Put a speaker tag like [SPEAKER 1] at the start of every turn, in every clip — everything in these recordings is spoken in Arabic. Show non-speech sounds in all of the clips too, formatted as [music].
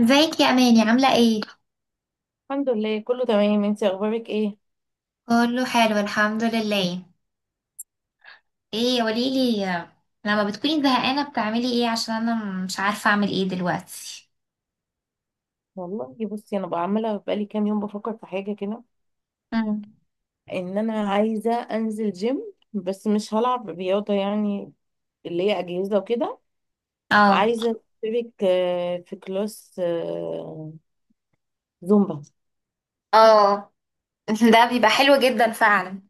[SPEAKER 1] ازيك يا اماني، عامله ايه؟
[SPEAKER 2] الحمد لله، كله تمام. انت اخبارك ايه؟
[SPEAKER 1] كله حلو، الحمد لله. ايه، قوليلي، لما بتكوني زهقانه بتعملي ايه؟ عشان انا مش عارفه اعمل ايه دلوقتي.
[SPEAKER 2] والله بصي، انا بقى عماله بقالي كام يوم بفكر في حاجه كده.
[SPEAKER 1] مم.
[SPEAKER 2] ان انا عايزه انزل جيم بس مش هلعب رياضه يعني اللي هي اجهزه وكده.
[SPEAKER 1] اه،
[SPEAKER 2] عايزه اشترك في كلاس زومبا.
[SPEAKER 1] اه. [laughs] ده بيبقى حلو جدا فعلا.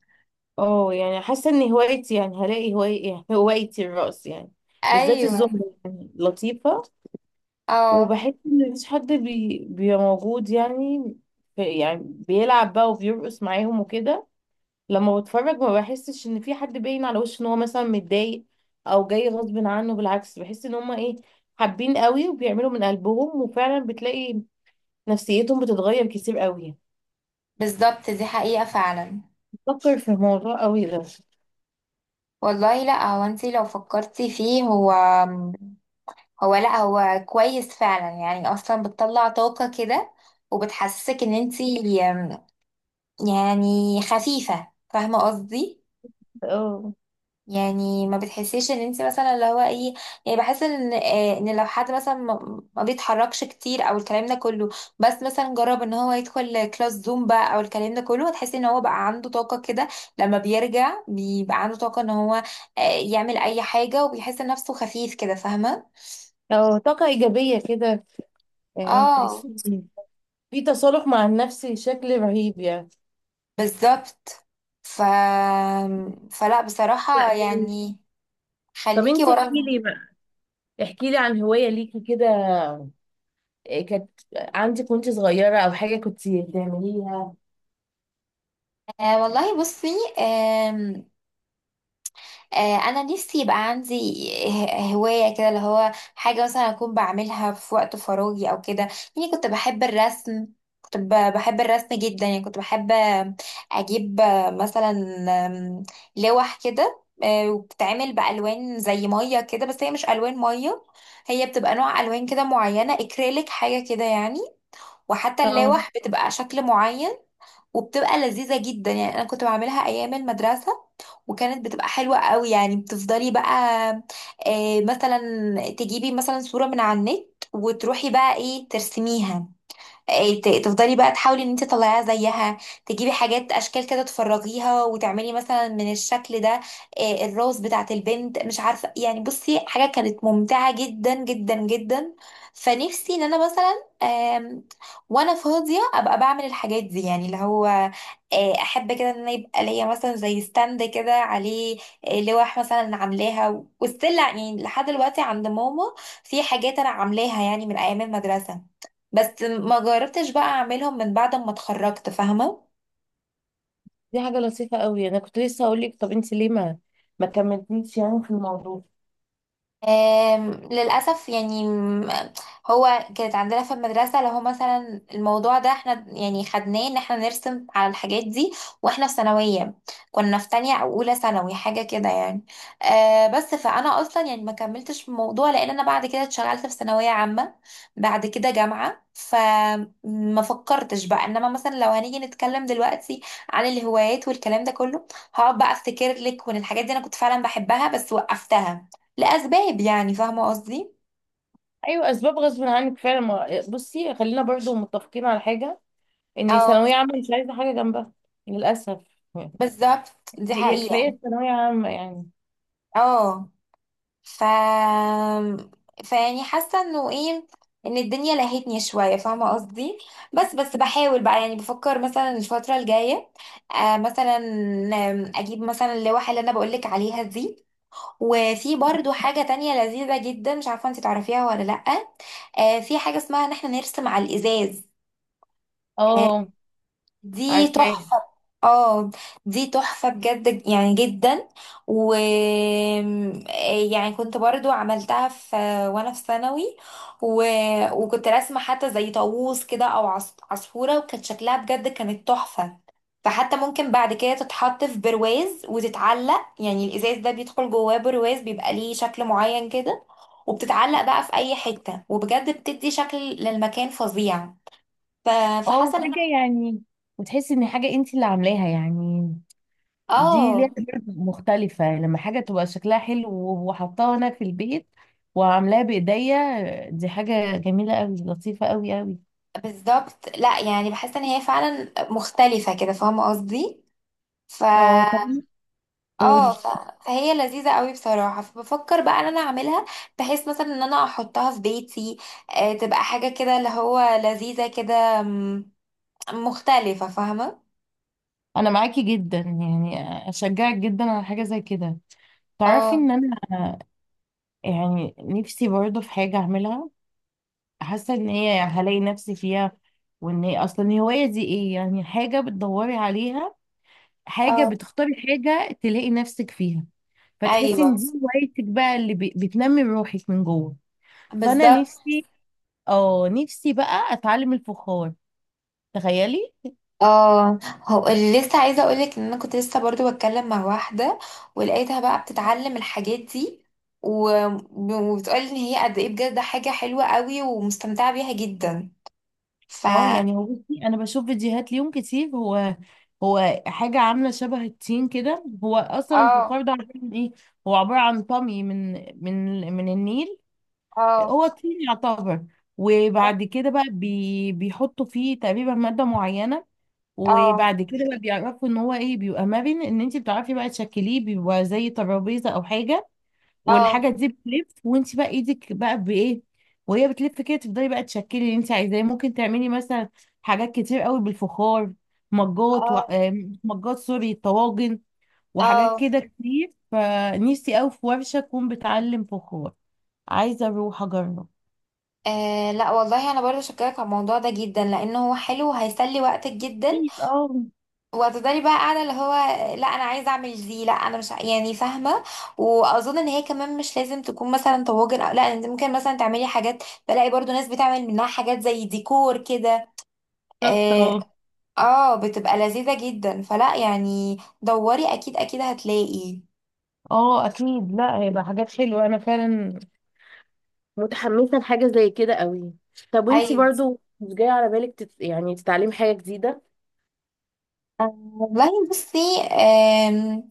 [SPEAKER 2] اه يعني حاسه ان هوايتي يعني هوايتي الرقص يعني. بالذات
[SPEAKER 1] ايوه.
[SPEAKER 2] الزومبا يعني لطيفه.
[SPEAKER 1] اه.
[SPEAKER 2] وبحس ان مفيش حد بيبقى موجود يعني. يعني بيلعب بقى وبيرقص معاهم وكده. لما بتفرج ما بحسش ان في حد باين على وشه ان هو مثلا متضايق او جاي غصب عنه. بالعكس، بحس ان هما ايه، حابين قوي وبيعملوا من قلبهم، وفعلا بتلاقي نفسيتهم بتتغير كتير قوي.
[SPEAKER 1] بالظبط، دي حقيقة فعلا.
[SPEAKER 2] بفكر في الموضوع قوي ده.
[SPEAKER 1] والله، لا هو انتي لو فكرتي فيه، هو لا هو كويس فعلا، يعني اصلا بتطلع طاقة كده، وبتحسسك ان انتي يعني خفيفة، فاهمة قصدي؟
[SPEAKER 2] اه.
[SPEAKER 1] يعني ما بتحسيش ان انت مثلا اللي هو ايه، يعني بحس ان ان لو حد مثلا ما بيتحركش كتير او الكلام ده كله، بس مثلا جرب ان هو يدخل كلاس زومبا او الكلام ده كله، هتحسي ان هو بقى عنده طاقة كده. لما بيرجع بيبقى عنده طاقة ان هو يعمل اي حاجة، وبيحس نفسه خفيف كده، فاهمة؟
[SPEAKER 2] اه، طاقة ايجابية كده. يعني تحس
[SPEAKER 1] اه.
[SPEAKER 2] إن في تصالح مع النفس بشكل رهيب يعني.
[SPEAKER 1] بالظبط. ف فلا،
[SPEAKER 2] لا
[SPEAKER 1] بصراحة،
[SPEAKER 2] جميل.
[SPEAKER 1] يعني،
[SPEAKER 2] طب
[SPEAKER 1] خليكي
[SPEAKER 2] انت احكي
[SPEAKER 1] ورا.
[SPEAKER 2] لي بقى، احكي لي عن هواية ليكي كده. إيه كانت عندك وانت صغيرة او حاجة كنت بتعمليها؟
[SPEAKER 1] آه والله بصي. آم، انا نفسي يبقى عندي هوايه كده، اللي هو حاجه مثلا اكون بعملها في وقت فراغي او كده. يعني كنت بحب الرسم، كنت بحب الرسم جدا، يعني كنت بحب اجيب مثلا، آم، لوح كده، وبتتعمل بالوان زي ميه كده، بس هي مش الوان ميه، هي بتبقى نوع الوان كده معينه، اكريليك حاجه كده يعني. وحتى اللوح بتبقى شكل معين، وبتبقى لذيذة جدا. يعني انا كنت بعملها ايام المدرسة، وكانت بتبقى حلوة قوي. يعني بتفضلي بقى، مثلا، تجيبي مثلا صورة من على النت، وتروحي بقى ايه ترسميها. إيه، تفضلي بقى تحاولي ان انت تطلعيها زيها، تجيبي حاجات اشكال كده تفرغيها، وتعملي مثلا من الشكل ده إيه، الروز بتاعت البنت، مش عارفه. يعني بصي، حاجه كانت ممتعه جدا جدا جدا. فنفسي ان انا مثلا، وانا فاضيه، ابقى بعمل الحاجات دي، يعني اللي هو احب كده ان انا يبقى ليا مثلا زي ستاند كده عليه لوح مثلا. عاملاها وستيل يعني لحد دلوقتي عند ماما. في حاجات انا عاملاها يعني من ايام المدرسه، بس ما جربتش بقى اعملهم من بعد ما اتخرجت، فاهمة؟
[SPEAKER 2] دي حاجة لطيفة قوي. انا كنت لسه هقول لك طب انت ليه ما كملتيش يعني في الموضوع؟
[SPEAKER 1] للأسف يعني، هو كانت عندنا في المدرسة، لو هو مثلا الموضوع ده احنا يعني خدناه ان احنا نرسم على الحاجات دي، واحنا في ثانوية، كنا في تانية او اولى ثانوي حاجة كده يعني. آه، بس فانا اصلا يعني ما كملتش في الموضوع، لان انا بعد كده اتشغلت في ثانوية عامة، بعد كده جامعة، فما فكرتش بقى. انما مثلا لو هنيجي نتكلم دلوقتي عن الهوايات والكلام ده كله، هقعد بقى افتكر لك، وان الحاجات دي انا كنت فعلا بحبها، بس وقفتها لأسباب، يعني، فاهمة قصدي؟
[SPEAKER 2] ايوه اسباب غصب عنك فعلا. بصي خلينا برضو متفقين على حاجة، ان
[SPEAKER 1] اه.
[SPEAKER 2] ثانوية عامة مش عايزة حاجة جنبها للأسف. [laughs]
[SPEAKER 1] بالظبط، دي
[SPEAKER 2] هي
[SPEAKER 1] حقيقة.
[SPEAKER 2] كفاية ثانوية عامة يعني.
[SPEAKER 1] اه. ف فيعني حاسة انه ايه، ان الدنيا لهتني شوية، فاهمة قصدي؟ بس بحاول بقى، يعني بفكر مثلا الفترة الجاية، آه مثلا، اجيب مثلا اللوحة اللي انا بقولك عليها دي. وفي برضو حاجة تانية لذيذة جدا، مش عارفة انت تعرفيها ولا لأ، آه، في حاجة اسمها ان احنا نرسم على الازاز.
[SPEAKER 2] اه
[SPEAKER 1] دي
[SPEAKER 2] عارفاها.
[SPEAKER 1] تحفة. اه. دي تحفة بجد، يعني جدا. و يعني كنت برضو عملتها في، وانا في ثانوي و... وكنت راسمة حتى زي طاووس كده، او عصفورة، وكانت شكلها بجد كانت تحفة. فحتى ممكن بعد كده تتحط في برواز وتتعلق، يعني الازاز ده بيدخل جواه برواز بيبقى ليه شكل معين كده، وبتتعلق بقى في اي حتة، وبجد بتدي شكل للمكان فظيع. ف...
[SPEAKER 2] اه
[SPEAKER 1] فحاسة ان
[SPEAKER 2] حاجة
[SPEAKER 1] أنا-
[SPEAKER 2] يعني، وتحسي ان حاجة انت اللي عاملاها يعني. دي ليها
[SPEAKER 1] اه.
[SPEAKER 2] طبع مختلفة لما حاجة تبقى شكلها حلو وحطاها انا في البيت وعاملاها بايديا. دي حاجة جميلة قوي، لطيفة قوي قوي.
[SPEAKER 1] بالظبط، لا يعني بحس ان هي فعلا مختلفة كده، فاهمة قصدي؟ ف
[SPEAKER 2] اه طب
[SPEAKER 1] اه.
[SPEAKER 2] قولي.
[SPEAKER 1] فهي لذيذة قوي بصراحة، فبفكر بقى ان انا اعملها، بحيث مثلا ان انا احطها في بيتي. آه، تبقى حاجة كده اللي هو لذيذة كده، مختلفة، فاهمة؟
[SPEAKER 2] انا معاكي جدا يعني، اشجعك جدا على حاجه زي كده. تعرفي
[SPEAKER 1] اه.
[SPEAKER 2] ان انا يعني نفسي برضه في حاجه اعملها، حاسه ان هي هلاقي نفسي فيها. وان هي اصلا الهوايه دي ايه يعني؟ حاجه بتدوري عليها، حاجه
[SPEAKER 1] اه.
[SPEAKER 2] بتختاري حاجه تلاقي نفسك فيها، فتحسي
[SPEAKER 1] ايوه.
[SPEAKER 2] ان دي هوايتك بقى اللي بتنمي روحك من جوه. فانا
[SPEAKER 1] بالظبط.
[SPEAKER 2] نفسي، اه نفسي بقى اتعلم الفخار. تخيلي.
[SPEAKER 1] اه. هو اللي لسه عايزه اقولك، ان انا كنت لسه برضو بتكلم مع واحده، ولقيتها بقى بتتعلم الحاجات دي، و- وبتقولي ان هي قد ايه بجد ده حاجه حلوه قوي، ومستمتعه بيها جدا. ف
[SPEAKER 2] اه يعني هو بصي انا بشوف فيديوهات ليهم كتير. هو هو حاجه عامله شبه التين كده. هو اصلا
[SPEAKER 1] اه.
[SPEAKER 2] الفخار ده عباره عن ايه؟ هو عباره عن طمي من من النيل.
[SPEAKER 1] اه.
[SPEAKER 2] هو طين يعتبر. وبعد كده بقى بيحطوا فيه تقريبا ماده معينه.
[SPEAKER 1] اه.
[SPEAKER 2] وبعد كده بقى بيعرفوا ان هو ايه، بيبقى مرن، ان انت بتعرفي بقى تشكليه. بيبقى زي ترابيزه او حاجه،
[SPEAKER 1] اه.
[SPEAKER 2] والحاجه دي بتلف وانت بقى ايدك بقى بايه، وهي بتلف كده. تفضلي بقى تشكلي اللي انت عايزاه. ممكن تعملي مثلا حاجات كتير قوي بالفخار: مجات و...
[SPEAKER 1] اه.
[SPEAKER 2] آم، مجات، سوري، طواجن، وحاجات
[SPEAKER 1] اه.
[SPEAKER 2] كده كتير. فنفسي قوي في ورشه تكون بتعلم فخار. عايزه اروح اجرب.
[SPEAKER 1] لا والله انا برضه شكرك على الموضوع ده جدا، لانه هو حلو، وهيسلي وقتك جدا.
[SPEAKER 2] اكيد اه.
[SPEAKER 1] وهتفضلي بقى قاعده، اللي هو لا انا عايزه اعمل دي، لا انا مش. يعني فاهمه. واظن ان هي كمان مش لازم تكون مثلا طواجن او، لا انت ممكن مثلا تعملي حاجات، بلاقي برضو ناس بتعمل منها حاجات زي ديكور كده.
[SPEAKER 2] بالظبط
[SPEAKER 1] اه.
[SPEAKER 2] اه.
[SPEAKER 1] آه، بتبقى لذيذه جدا، فلا يعني دوري، اكيد اكيد هتلاقي.
[SPEAKER 2] اه اكيد، لا هيبقى حاجات حلوه. انا فعلا متحمسه لحاجه زي كده قوي. طب وانتي
[SPEAKER 1] ايوه.
[SPEAKER 2] برضو مش جاي على بالك يعني تتعلمي حاجه جديده،
[SPEAKER 1] والله بصي، آم،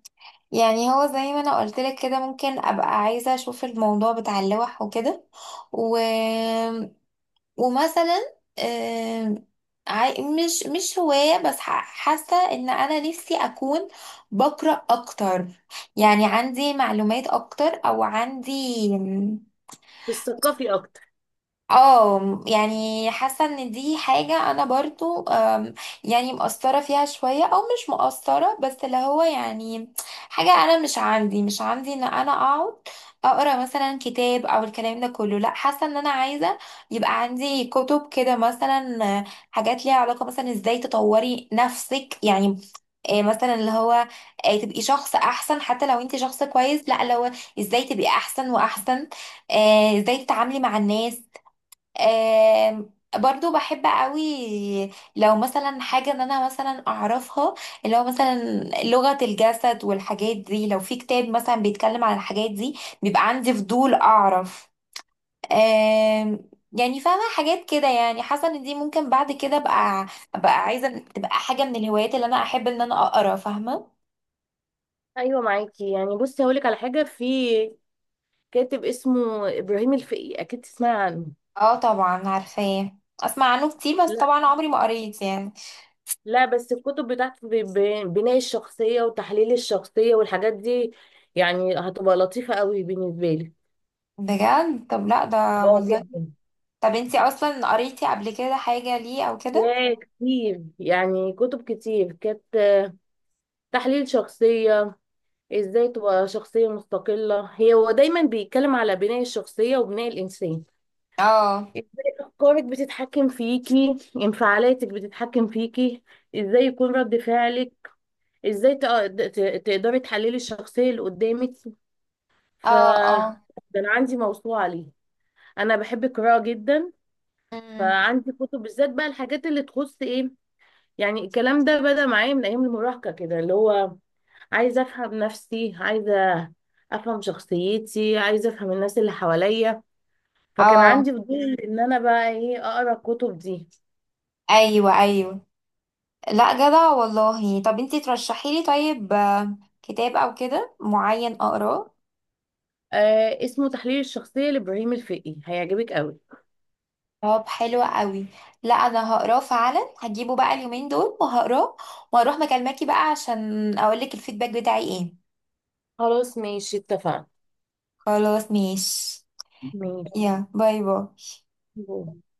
[SPEAKER 1] يعني هو زي ما انا قلت لك كده، ممكن ابقى عايزه اشوف الموضوع بتاع اللوح وكده و... ومثلا مش هواية، بس حاسة ان انا نفسي اكون بقرأ اكتر، يعني عندي معلومات اكتر، او عندي.
[SPEAKER 2] تثقفي اكتر؟
[SPEAKER 1] اه، يعني حاسه ان دي حاجه انا برضو، يعني مقصره فيها شويه، او مش مقصره، بس اللي هو يعني حاجه انا مش عندي ان انا اقعد اقرا مثلا كتاب او الكلام ده كله. لا حاسه ان انا عايزه يبقى عندي كتب كده مثلا، حاجات ليها علاقه مثلا ازاي تطوري نفسك يعني، مثلا اللي هو تبقي شخص احسن، حتى لو انت شخص كويس، لا اللي هو ازاي تبقي احسن واحسن. ازاي تتعاملي مع الناس. آم، برضو بحب قوي لو مثلا حاجة ان انا مثلا اعرفها، اللي هو مثلا لغة الجسد والحاجات دي. لو في كتاب مثلا بيتكلم عن الحاجات دي، بيبقى عندي فضول اعرف. يعني فاهمة، حاجات كده. يعني حاسة ان دي ممكن بعد كده ابقى عايزة تبقى حاجة من الهوايات اللي انا احب ان انا اقرا، فاهمة؟
[SPEAKER 2] ايوه معاكي يعني. بصي هقولك على حاجه، في كاتب اسمه ابراهيم الفقي، اكيد تسمعي عنه.
[SPEAKER 1] اه، طبعا عارفاه، اسمع عنه كتير، بس
[SPEAKER 2] لا
[SPEAKER 1] طبعا عمري ما قريت يعني.
[SPEAKER 2] لا بس الكتب بتاعته بناء الشخصيه وتحليل الشخصيه والحاجات دي، يعني هتبقى لطيفه قوي بالنسبه لي.
[SPEAKER 1] بجد؟ طب لا ده
[SPEAKER 2] اه
[SPEAKER 1] والله.
[SPEAKER 2] جدا.
[SPEAKER 1] طب انتي اصلا قريتي قبل كده حاجة ليه او كده؟
[SPEAKER 2] يا كتير يعني، كتب كتير كانت تحليل شخصيه، ازاي تبقى شخصيه مستقله. هي هو دايما بيتكلم على بناء الشخصيه وبناء الانسان.
[SPEAKER 1] اه.
[SPEAKER 2] ازاي افكارك بتتحكم فيكي، انفعالاتك بتتحكم فيكي، ازاي يكون رد فعلك، ازاي تقدري تحللي الشخصية اللي قدامك. ف
[SPEAKER 1] اه. اه.
[SPEAKER 2] ده انا عندي موسوعة ليه. انا بحب القراءة جدا.
[SPEAKER 1] امم.
[SPEAKER 2] فعندي كتب بالذات بقى الحاجات اللي تخص ايه، يعني الكلام ده بدأ معايا من ايام المراهقة كده اللي هو عايزة افهم نفسي، عايزة افهم شخصيتي، عايزة افهم الناس اللي حواليا. فكان
[SPEAKER 1] اه.
[SPEAKER 2] عندي فضول ان انا بقى ايه اقرا الكتب دي.
[SPEAKER 1] ايوه، ايوه. لا جدع والله. طب انتي ترشحي لي طيب كتاب او كده معين اقراه؟
[SPEAKER 2] آه اسمه تحليل الشخصية لإبراهيم الفقي، هيعجبك قوي.
[SPEAKER 1] طب حلو قوي. لا انا هقراه فعلا، هجيبه بقى اليومين دول وهقراه، واروح مكالماكي بقى عشان اقولك الفيدباك بتاعي ايه.
[SPEAKER 2] خلاص ماشي، اتفقنا.
[SPEAKER 1] خلاص ماشي. يا باي باي.
[SPEAKER 2] ماشي.